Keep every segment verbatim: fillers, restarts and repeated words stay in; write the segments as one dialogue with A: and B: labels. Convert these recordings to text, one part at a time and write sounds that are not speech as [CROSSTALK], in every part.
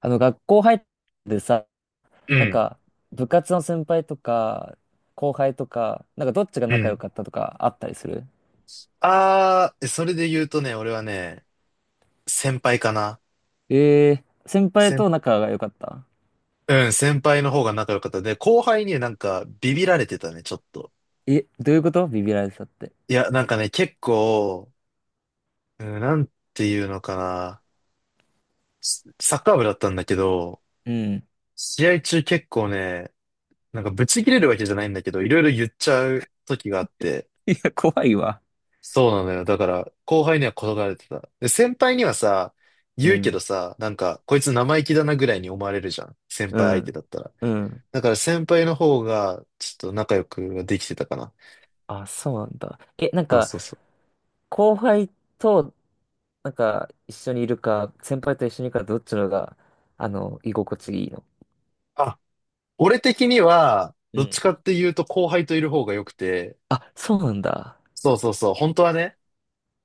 A: あの、学校入ってさ、
B: う
A: なん
B: ん、
A: か、部活の先輩とか、後輩とか、なんかどっちが
B: う
A: 仲良
B: ん。
A: かったとかあったりする？
B: あー、それで言うとね、俺はね、先輩かな。
A: ええー、先輩
B: 先、
A: と仲が良かった？
B: うん、先輩の方が仲良かった。で、後輩にねなんかビビられてたね、ちょっと。
A: え、どういうことビビられてたって？
B: いや、なんかね、結構、うん、なんていうのかな。スサッカー部だったんだけど、
A: うん。
B: 試合中結構ね、なんかブチ切れるわけじゃないんだけど、いろいろ言っちゃう時があって、
A: いや、怖いわ。
B: そうなのよ。だから、後輩には転がれてた。で、先輩にはさ、
A: う
B: 言うけど
A: ん。
B: さ、なんか、こいつ生意気だなぐらいに思われるじゃん。先
A: う
B: 輩相手
A: ん。
B: だったら。
A: うん。
B: だから先輩の方が、ちょっと仲良くはできてたかな。
A: あ、そうなんだ。え、なん
B: そう
A: か、
B: そうそう。
A: 後輩と、なんか、一緒にいるか、先輩と一緒にいるか、どっちのが、あの、居心地いいの？
B: あ、俺的には、
A: う
B: どっち
A: ん。
B: かっていうと後輩といる方が良くて、
A: あ、そうなんだ。
B: そうそうそう、本当はね。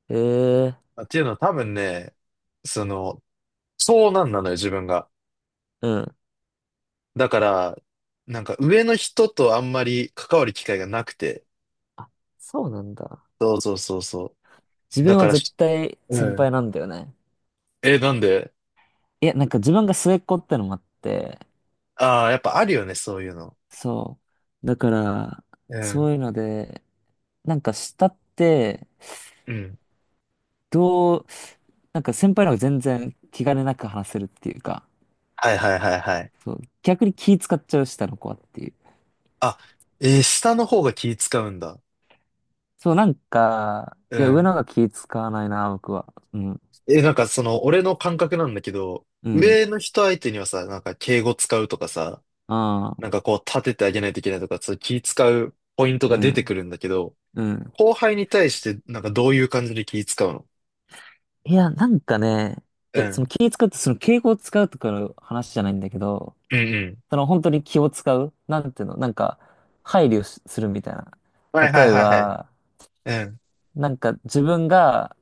A: ええ
B: っていうのは多分ね、その、長男なのよ、自分が。
A: ー、うん。
B: だから、なんか上の人とあんまり関わる機会がなくて、
A: あ、そうなんだ。
B: そうそうそうそ
A: 自
B: う。だ
A: 分
B: か
A: は
B: ら
A: 絶対
B: う
A: 先輩
B: ん。
A: なんだよね。
B: え、なんで。
A: いや、なんか自分が末っ子ってのもあって、
B: ああー、やっぱあるよね、そういうの。
A: そう。だから、
B: う
A: そ
B: ん。
A: ういうので、なんか下って、
B: うん。
A: どう、なんか先輩の方が全然気兼ねなく話せるっていうか、
B: はいはいはいはい。
A: そう。逆に気使っちゃう下の子はっていう。
B: あ、えー、下の方が気使うんだ。
A: そう、なんか、
B: う
A: いや、上
B: ん。
A: の方が気使わないな、僕は。うん。
B: え、なんかその、俺の感覚なんだけど、
A: うん。
B: 上の人相手にはさ、なんか敬語使うとかさ、
A: あ
B: なん
A: あ、
B: かこう立ててあげないといけないとか、そういう気使うポイント
A: う
B: が出てく
A: ん。
B: るんだけど、
A: うん。
B: 後輩に対してなんかどういう感じで気使うの？
A: いや、なんかね、
B: う
A: え、その
B: ん。
A: 気使って、その敬語を使うとかの話じゃないんだけど、
B: うんうん。
A: その本当に気を使うなんていうのなんか、配慮しするみたいな。
B: はいはい
A: 例え
B: はいはい。
A: ば、
B: うん。
A: なんか自分が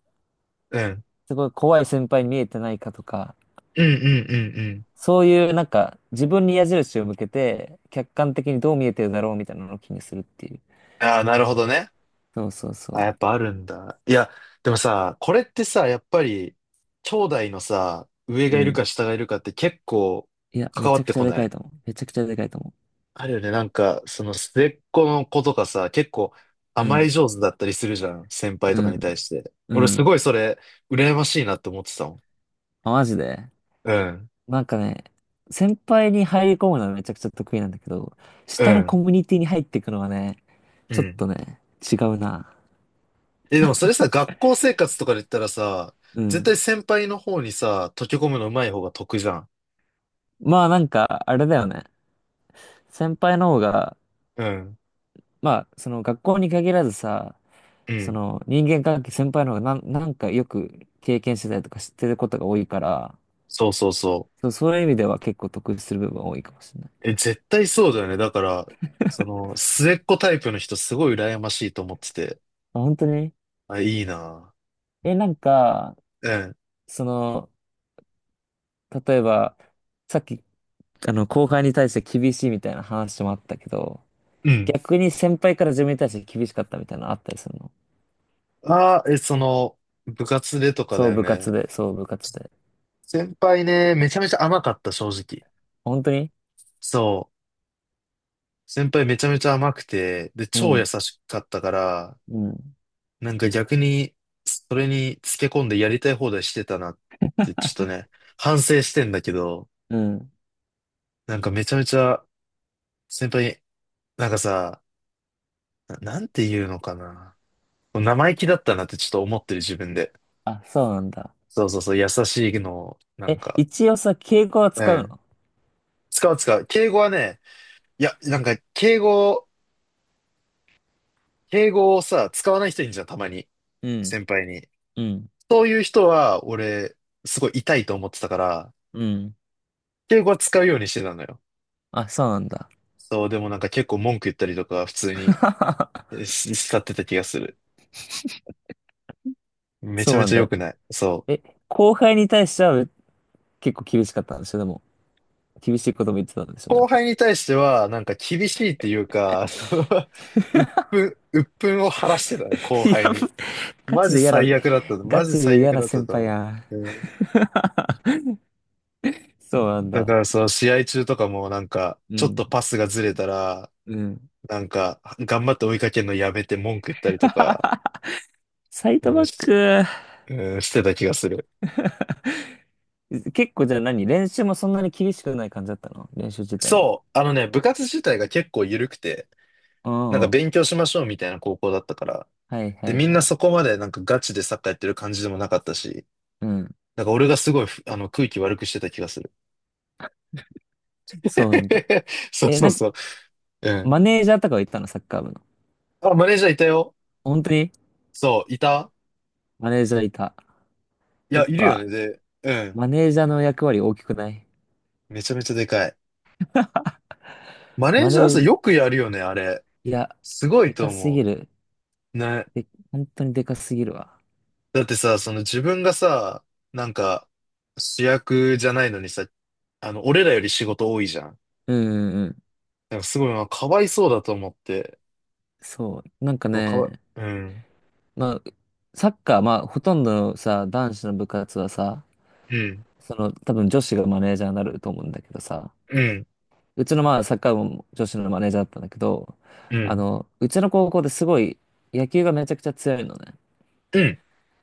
B: うん。
A: すごい怖い先輩に見えてないかとか、
B: うんうんうんうん。
A: そういうなんか自分に矢印を向けて、客観的にどう見えてるだろうみたいなのを気にするっていう。
B: ああ、なるほどね。
A: そうそう
B: あ、や
A: そ
B: っぱあるんだ。いや、でもさ、これってさ、やっぱり、兄弟のさ、上
A: う。う
B: がいるか
A: ん。
B: 下がいるかって結構
A: いや、め
B: 関わ
A: ち
B: っ
A: ゃく
B: て
A: ちゃ
B: こ
A: で
B: な
A: かい
B: い。
A: と思う。めちゃくちゃでかいと思
B: あるよね。なんか、その末っ子の子とかさ、結構
A: う。う
B: 甘え
A: ん。
B: 上手だったりするじゃん。先輩
A: う
B: とかに対
A: ん。
B: して。俺
A: う
B: す
A: ん。
B: ごいそれ、羨ましいなって思ってたもん。
A: あ、マジで。
B: うん。
A: なんかね、先輩に入り込むのはめちゃくちゃ得意なんだけど、
B: う
A: 下のコ
B: ん。
A: ミュニティに入っていくのはね、
B: う
A: ちょっ
B: ん。
A: とね、違うな。
B: え、でもそれさ、学校生活とかで言ったらさ、
A: う
B: 絶対
A: ん。
B: 先輩の方にさ、溶け込むの上手い方が得じゃん。
A: まあなんか、あれだよね。先輩の方が、
B: うん。
A: まあ、その学校に限らずさ、
B: う
A: そ
B: ん。
A: の人間関係先輩の方がなん、なんかよく経験してたりとか知ってることが多いから、
B: そうそうそう。
A: そう、そういう意味では結構得する部分は多いかもしれない。
B: え、絶対そうだよね。だから、その、末っ子タイプの人すごい羨ましいと思ってて。
A: まあ、本当に。
B: あ、いいな。
A: え、なんか、
B: うん。
A: その、例えば、さっきあの、後輩に対して厳しいみたいな話もあったけど、
B: うん。
A: 逆に先輩から自分に対して厳しかったみたいなのあったりするの？
B: ああ、え、その、部活でとかだ
A: そう
B: よ
A: 部
B: ね。
A: 活で、そう部活で。
B: 先輩ね、めちゃめちゃ甘かった、正直。
A: 本当に？
B: そう。先輩めちゃめちゃ甘くて、で、
A: う
B: 超優
A: ん、
B: しかったから、
A: うん、
B: なんか逆に、それにつけ込んでやりたい放題してたなって、ちょっとね、反省してんだけど、
A: うん。
B: なんかめちゃめちゃ、先輩に、なんかさ、な、なんて言うのかな。生意気だったなってちょっと思ってる自分で。
A: あ、そうなんだ。
B: そうそうそう、優しいのを、なん
A: え、
B: か、
A: 一応さ、敬語は
B: う
A: 使う
B: ん。
A: の？
B: 使う使う。敬語はね、いや、なんか、敬語、敬語をさ、使わない人いるじゃん、たまに。
A: うん、
B: 先輩に。
A: うん、
B: そういう人は、俺、すごい痛いと思ってたから、
A: うん。
B: 敬語は使うようにしてたのよ。
A: あ、そうなんだ。
B: そう、でもなんか結構文句言ったりとか、普通に
A: [LAUGHS]
B: えし使ってた気がする。め
A: そ
B: ちゃ
A: う
B: め
A: なん
B: ちゃ良
A: だ。
B: くない。そう。
A: え、後輩に対しては結構厳しかったんでしょでも、厳しいことも言ってたんでしょなん
B: 後
A: か。
B: 輩に対しては、なんか厳しいっていうか、その [LAUGHS] 鬱憤、鬱憤を晴らしてたね、
A: [LAUGHS]
B: 後
A: い
B: 輩
A: や、
B: に。
A: ガ
B: マ
A: チ
B: ジ
A: で嫌な、
B: 最悪だった
A: ガ
B: マジ
A: チで
B: 最
A: 嫌
B: 悪
A: な
B: だった
A: 先
B: と
A: 輩
B: 思
A: や。
B: う。うん、
A: [LAUGHS] そうなん
B: だ
A: だ。
B: からその試合中とかもなんか、
A: う
B: ちょっと
A: ん。
B: パスがずれたら、
A: うん。
B: なんか、頑張って追いかけるのやめて文句言ったりとか、
A: [LAUGHS] サイド
B: う
A: バ
B: ん、
A: ッ
B: し、
A: ク、
B: うん、してた気がする。
A: 結構じゃあ何練習もそんなに厳しくない感じだったの？練習自体も。
B: そう、あのね、部活自体が結構緩くて、
A: う
B: なん
A: んう
B: か
A: ん。
B: 勉強しましょうみたいな高校だったから、
A: はいは
B: で、
A: い
B: みん
A: は
B: な
A: い。
B: そこまでなんかガチでサッカーやってる感じでもなかったし、
A: うん。
B: なんか俺がすごいふ、あの、空気悪くしてた気がする。
A: そうなんだ。
B: [LAUGHS] そう
A: え、
B: そう
A: なんか、
B: そう。うん。
A: マネージャーとかはいたのサッカー部の？
B: あ、マネージャーいたよ。
A: 本当に？
B: そう、いた。
A: マネージャーいた？
B: い
A: や
B: や、
A: っ
B: いるよね。
A: ぱ、
B: で、うん。
A: マネージャーの役割大きくない？
B: めちゃめちゃでかい。マネー
A: マ
B: ジ
A: ネ
B: ャー
A: ー
B: さ、
A: ジ、
B: よくやるよね、あれ。
A: いや、
B: すご
A: で
B: いと
A: かすぎ
B: 思
A: る。
B: う。ね。
A: で、本当にでかすぎるわ。
B: だってさ、その自分がさ、なんか、主役じゃないのにさ、あの、俺らより仕事多いじゃん。
A: うんうんうん。
B: なんかすごいな、まあかわいそうだと思って。
A: そう。なんか
B: そうかわ
A: ね、
B: い、うん。
A: まあ、サッカー、まあ、ほとんどのさ、男子の部活はさ、
B: うん。
A: その、多分女子がマネージャーになると思うんだけどさ、
B: うん。
A: うちのまあサッカー部も女子のマネージャーだったんだけど、
B: う
A: あ
B: ん。
A: の、うちの高校ですごい野球がめちゃくちゃ強いのね。
B: うん。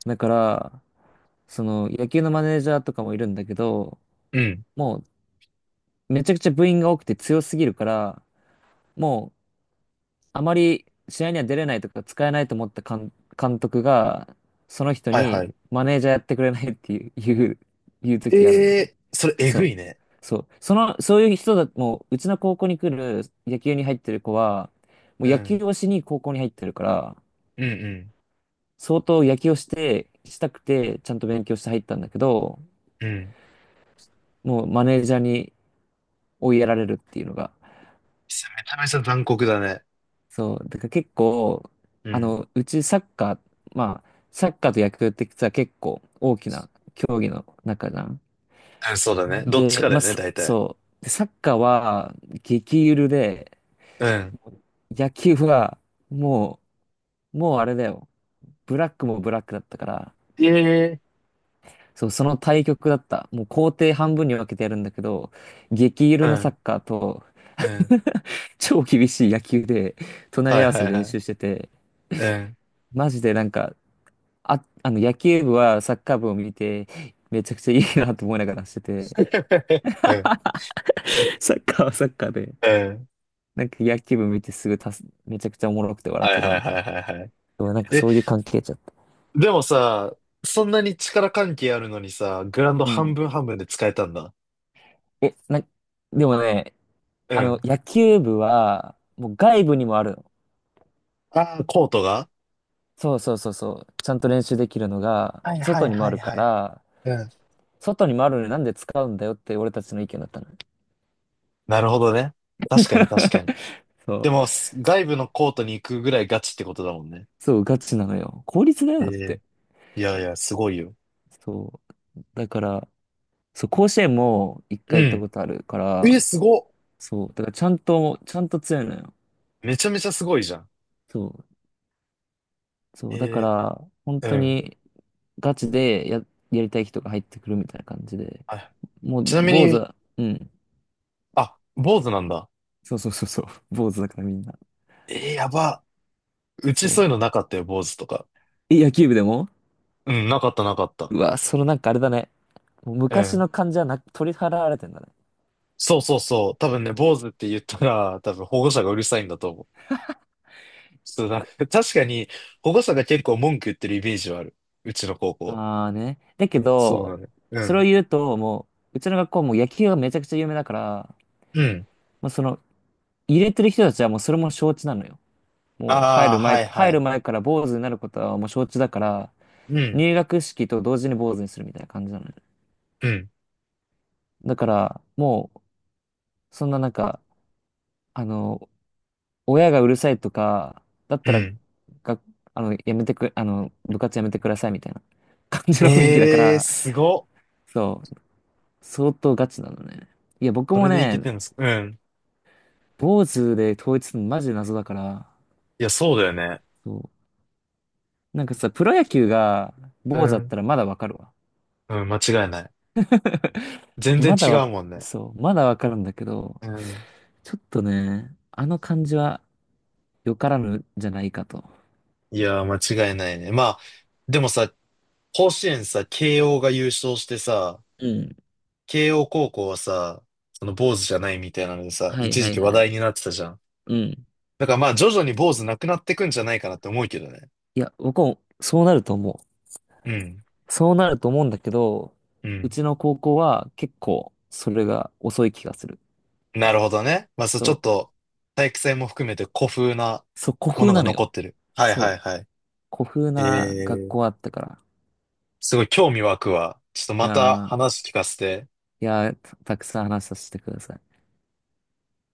A: だから、その野球のマネージャーとかもいるんだけど、
B: うん。
A: もうめちゃくちゃ部員が多くて強すぎるから、もうあまり試合には出れないとか使えないと思った監、監督が、その人
B: はいは
A: に
B: い。
A: マネージャーやってくれないっていう、いう、いう
B: え
A: 時あるんだね。
B: えー、それえ
A: そ
B: ぐ
A: う。
B: いね。
A: そう。その、そういう人だ、もう、うちの高校に来る野球に入ってる子は、もう
B: う
A: 野球
B: ん。
A: をしに高校に入ってるから、
B: うんう
A: 相当野球をして、したくて、ちゃんと勉強して入ったんだけど、
B: ん。うん。め
A: もうマネージャーに追いやられるっていうのが。
B: ちゃめちゃ残酷だね。
A: そう、だから結構、
B: う
A: あ
B: ん。
A: の、うちサッカー、まあ、サッカーと野球って実は結構大きな競技の中じゃん。
B: うん、そうだね。どっち
A: で、
B: かだ
A: まあ、
B: よね、
A: そ
B: 大体。
A: そう。でサッカーは激ゆるで、
B: うん。
A: 野球はもう、もうあれだよ。ブラックもブラックだったから、
B: ええ、
A: そう、その対極だった。もう工程半分に分けてやるんだけど、激ゆ
B: う
A: るのサッ
B: ん、
A: カーと
B: うん。
A: 超厳しい野球で隣
B: は
A: り
B: い
A: 合わ
B: は
A: せ
B: い
A: で
B: は
A: 練
B: い。
A: 習してて、
B: うん。
A: マジでなんかあ、あの、野球部はサッカー部を見て、めちゃくちゃいいなと思いながらしてて、
B: [LAUGHS] うん、
A: サッカーはサッカーで。
B: うん。
A: なんか野球部見てすぐたす、めちゃくちゃおもろくて笑
B: は
A: っ
B: い
A: てた
B: はい
A: み
B: は
A: たいな。
B: いはいはい。
A: でもなんか
B: え、
A: そういう関係ちゃった。
B: でもさ、そんなに力関係あるのにさ、グラウンド
A: う
B: 半
A: ん。
B: 分半分で使えたんだ。
A: え、な、でもね、
B: う
A: あの、
B: ん。
A: 野球部は、もう外部にもあるの。
B: ああ、コートが。
A: そうそうそうそう。ちゃんと練習できるのが、
B: はいは
A: 外
B: い
A: にも
B: は
A: あ
B: い
A: るか
B: はい。
A: ら、
B: うん。
A: 外にもあるのになんで使うんだよって俺たちの意見だったの。
B: なるほどね。確かに確かに。
A: [LAUGHS] そう。
B: でも、す外部のコートに行くぐらいガチってことだもんね。
A: そう、ガチなのよ。効率だよ、
B: え
A: だっ
B: え、
A: て。
B: いやいや、すごいよ。
A: そう。だから、そう、甲子園も一
B: う
A: 回行った
B: ん。
A: ことあるか
B: え、
A: ら、
B: すごっ。
A: そう、だからちゃんと、ちゃんと強いのよ。
B: めちゃめちゃすごいじゃん。
A: そう、そう、だか
B: え
A: ら、本
B: え、う
A: 当
B: ん。
A: にガチでや、やりたい人が入ってくるみたいな感じで、
B: あ、
A: もう
B: ちなみ
A: 坊主
B: に、
A: は、うん、
B: あ、坊主なんだ。
A: そうそうそうそう、坊主だからみんな。
B: えー、やば。う
A: そ
B: ちそういう
A: う。
B: のなかったよ、坊主とか。
A: え、野球部でも？
B: うん、なかったなかった。
A: うわ、そのなんかあれだね。もう
B: う
A: 昔
B: ん。
A: の感じはな、取り払われてんだね。
B: そうそうそう。多分ね、坊主って言ったら、多分保護者がうるさいんだと思う。そう、なんか、確かに保護者が結構文句言ってるイメージはある。うちの高校。
A: ああね。だけ
B: そうな
A: ど、
B: の、ね。う
A: それを
B: ん。
A: 言うと、もう、うちの学校も野球がめちゃくちゃ有名だから、
B: うん。
A: まあ、その、入れてる人たちはもうそれも承知なのよ。もう入
B: ああ、
A: る
B: は
A: 前、
B: いは
A: 入る
B: い。
A: 前から坊主になることはもう承知だから、
B: うん。
A: 入学式と同時に坊主にするみたいな感じなのよ。
B: うん。
A: だから、もう、そんななんか、あの、親がうるさいとか、だっ
B: う
A: たら、
B: ん。
A: が、あの、やめてく、あの、部活やめてくださいみたいな感じの雰囲気だか
B: ええー、
A: ら、
B: すごっ。
A: そう、相当ガチなのね。いや、僕
B: そ
A: も
B: れでいけ
A: ね、
B: てるんですか？うん。
A: 坊主で統一するのマジで謎だから、
B: いや、そうだよね。
A: そう。なんかさ、プロ野球が
B: う
A: 坊主だっ
B: ん。
A: たらまだわかるわ。
B: うん、間違いない。全然
A: まだ
B: 違
A: わ、
B: うもんね。
A: そう、まだわかるんだけど、
B: うん。
A: ちょっとね、あの感じはよからぬじゃないかと。
B: いやー、間違いないね。まあ、でもさ、甲子園さ、慶応が優勝してさ、
A: うん。
B: 慶応高校はさ、その坊主じゃないみたいなのでさ、
A: はい
B: 一
A: は
B: 時
A: い
B: 期話
A: は
B: 題
A: い。
B: になってたじゃん。
A: うん。
B: だからまあ、徐々に坊主なくなってくんじゃないかなって思うけどね。
A: いや、僕もそうなると思う。
B: うん。
A: そうなると思うんだけど、
B: う
A: う
B: ん。
A: ちの高校は結構それが遅い気がする。
B: なるほどね。まあ、そう、ち
A: そ
B: ょっ
A: う。
B: と、体育祭も含めて古風な
A: そう、古
B: も
A: 風
B: のが
A: なの
B: 残
A: よ。
B: ってる。はいは
A: そ
B: い
A: う。
B: はい。
A: 古風
B: え
A: な学
B: ー、
A: 校あったから。
B: すごい興味湧くわ。ちょっと
A: い
B: また
A: や
B: 話聞かせて。
A: ー、いやー、た、たくさん話させてください。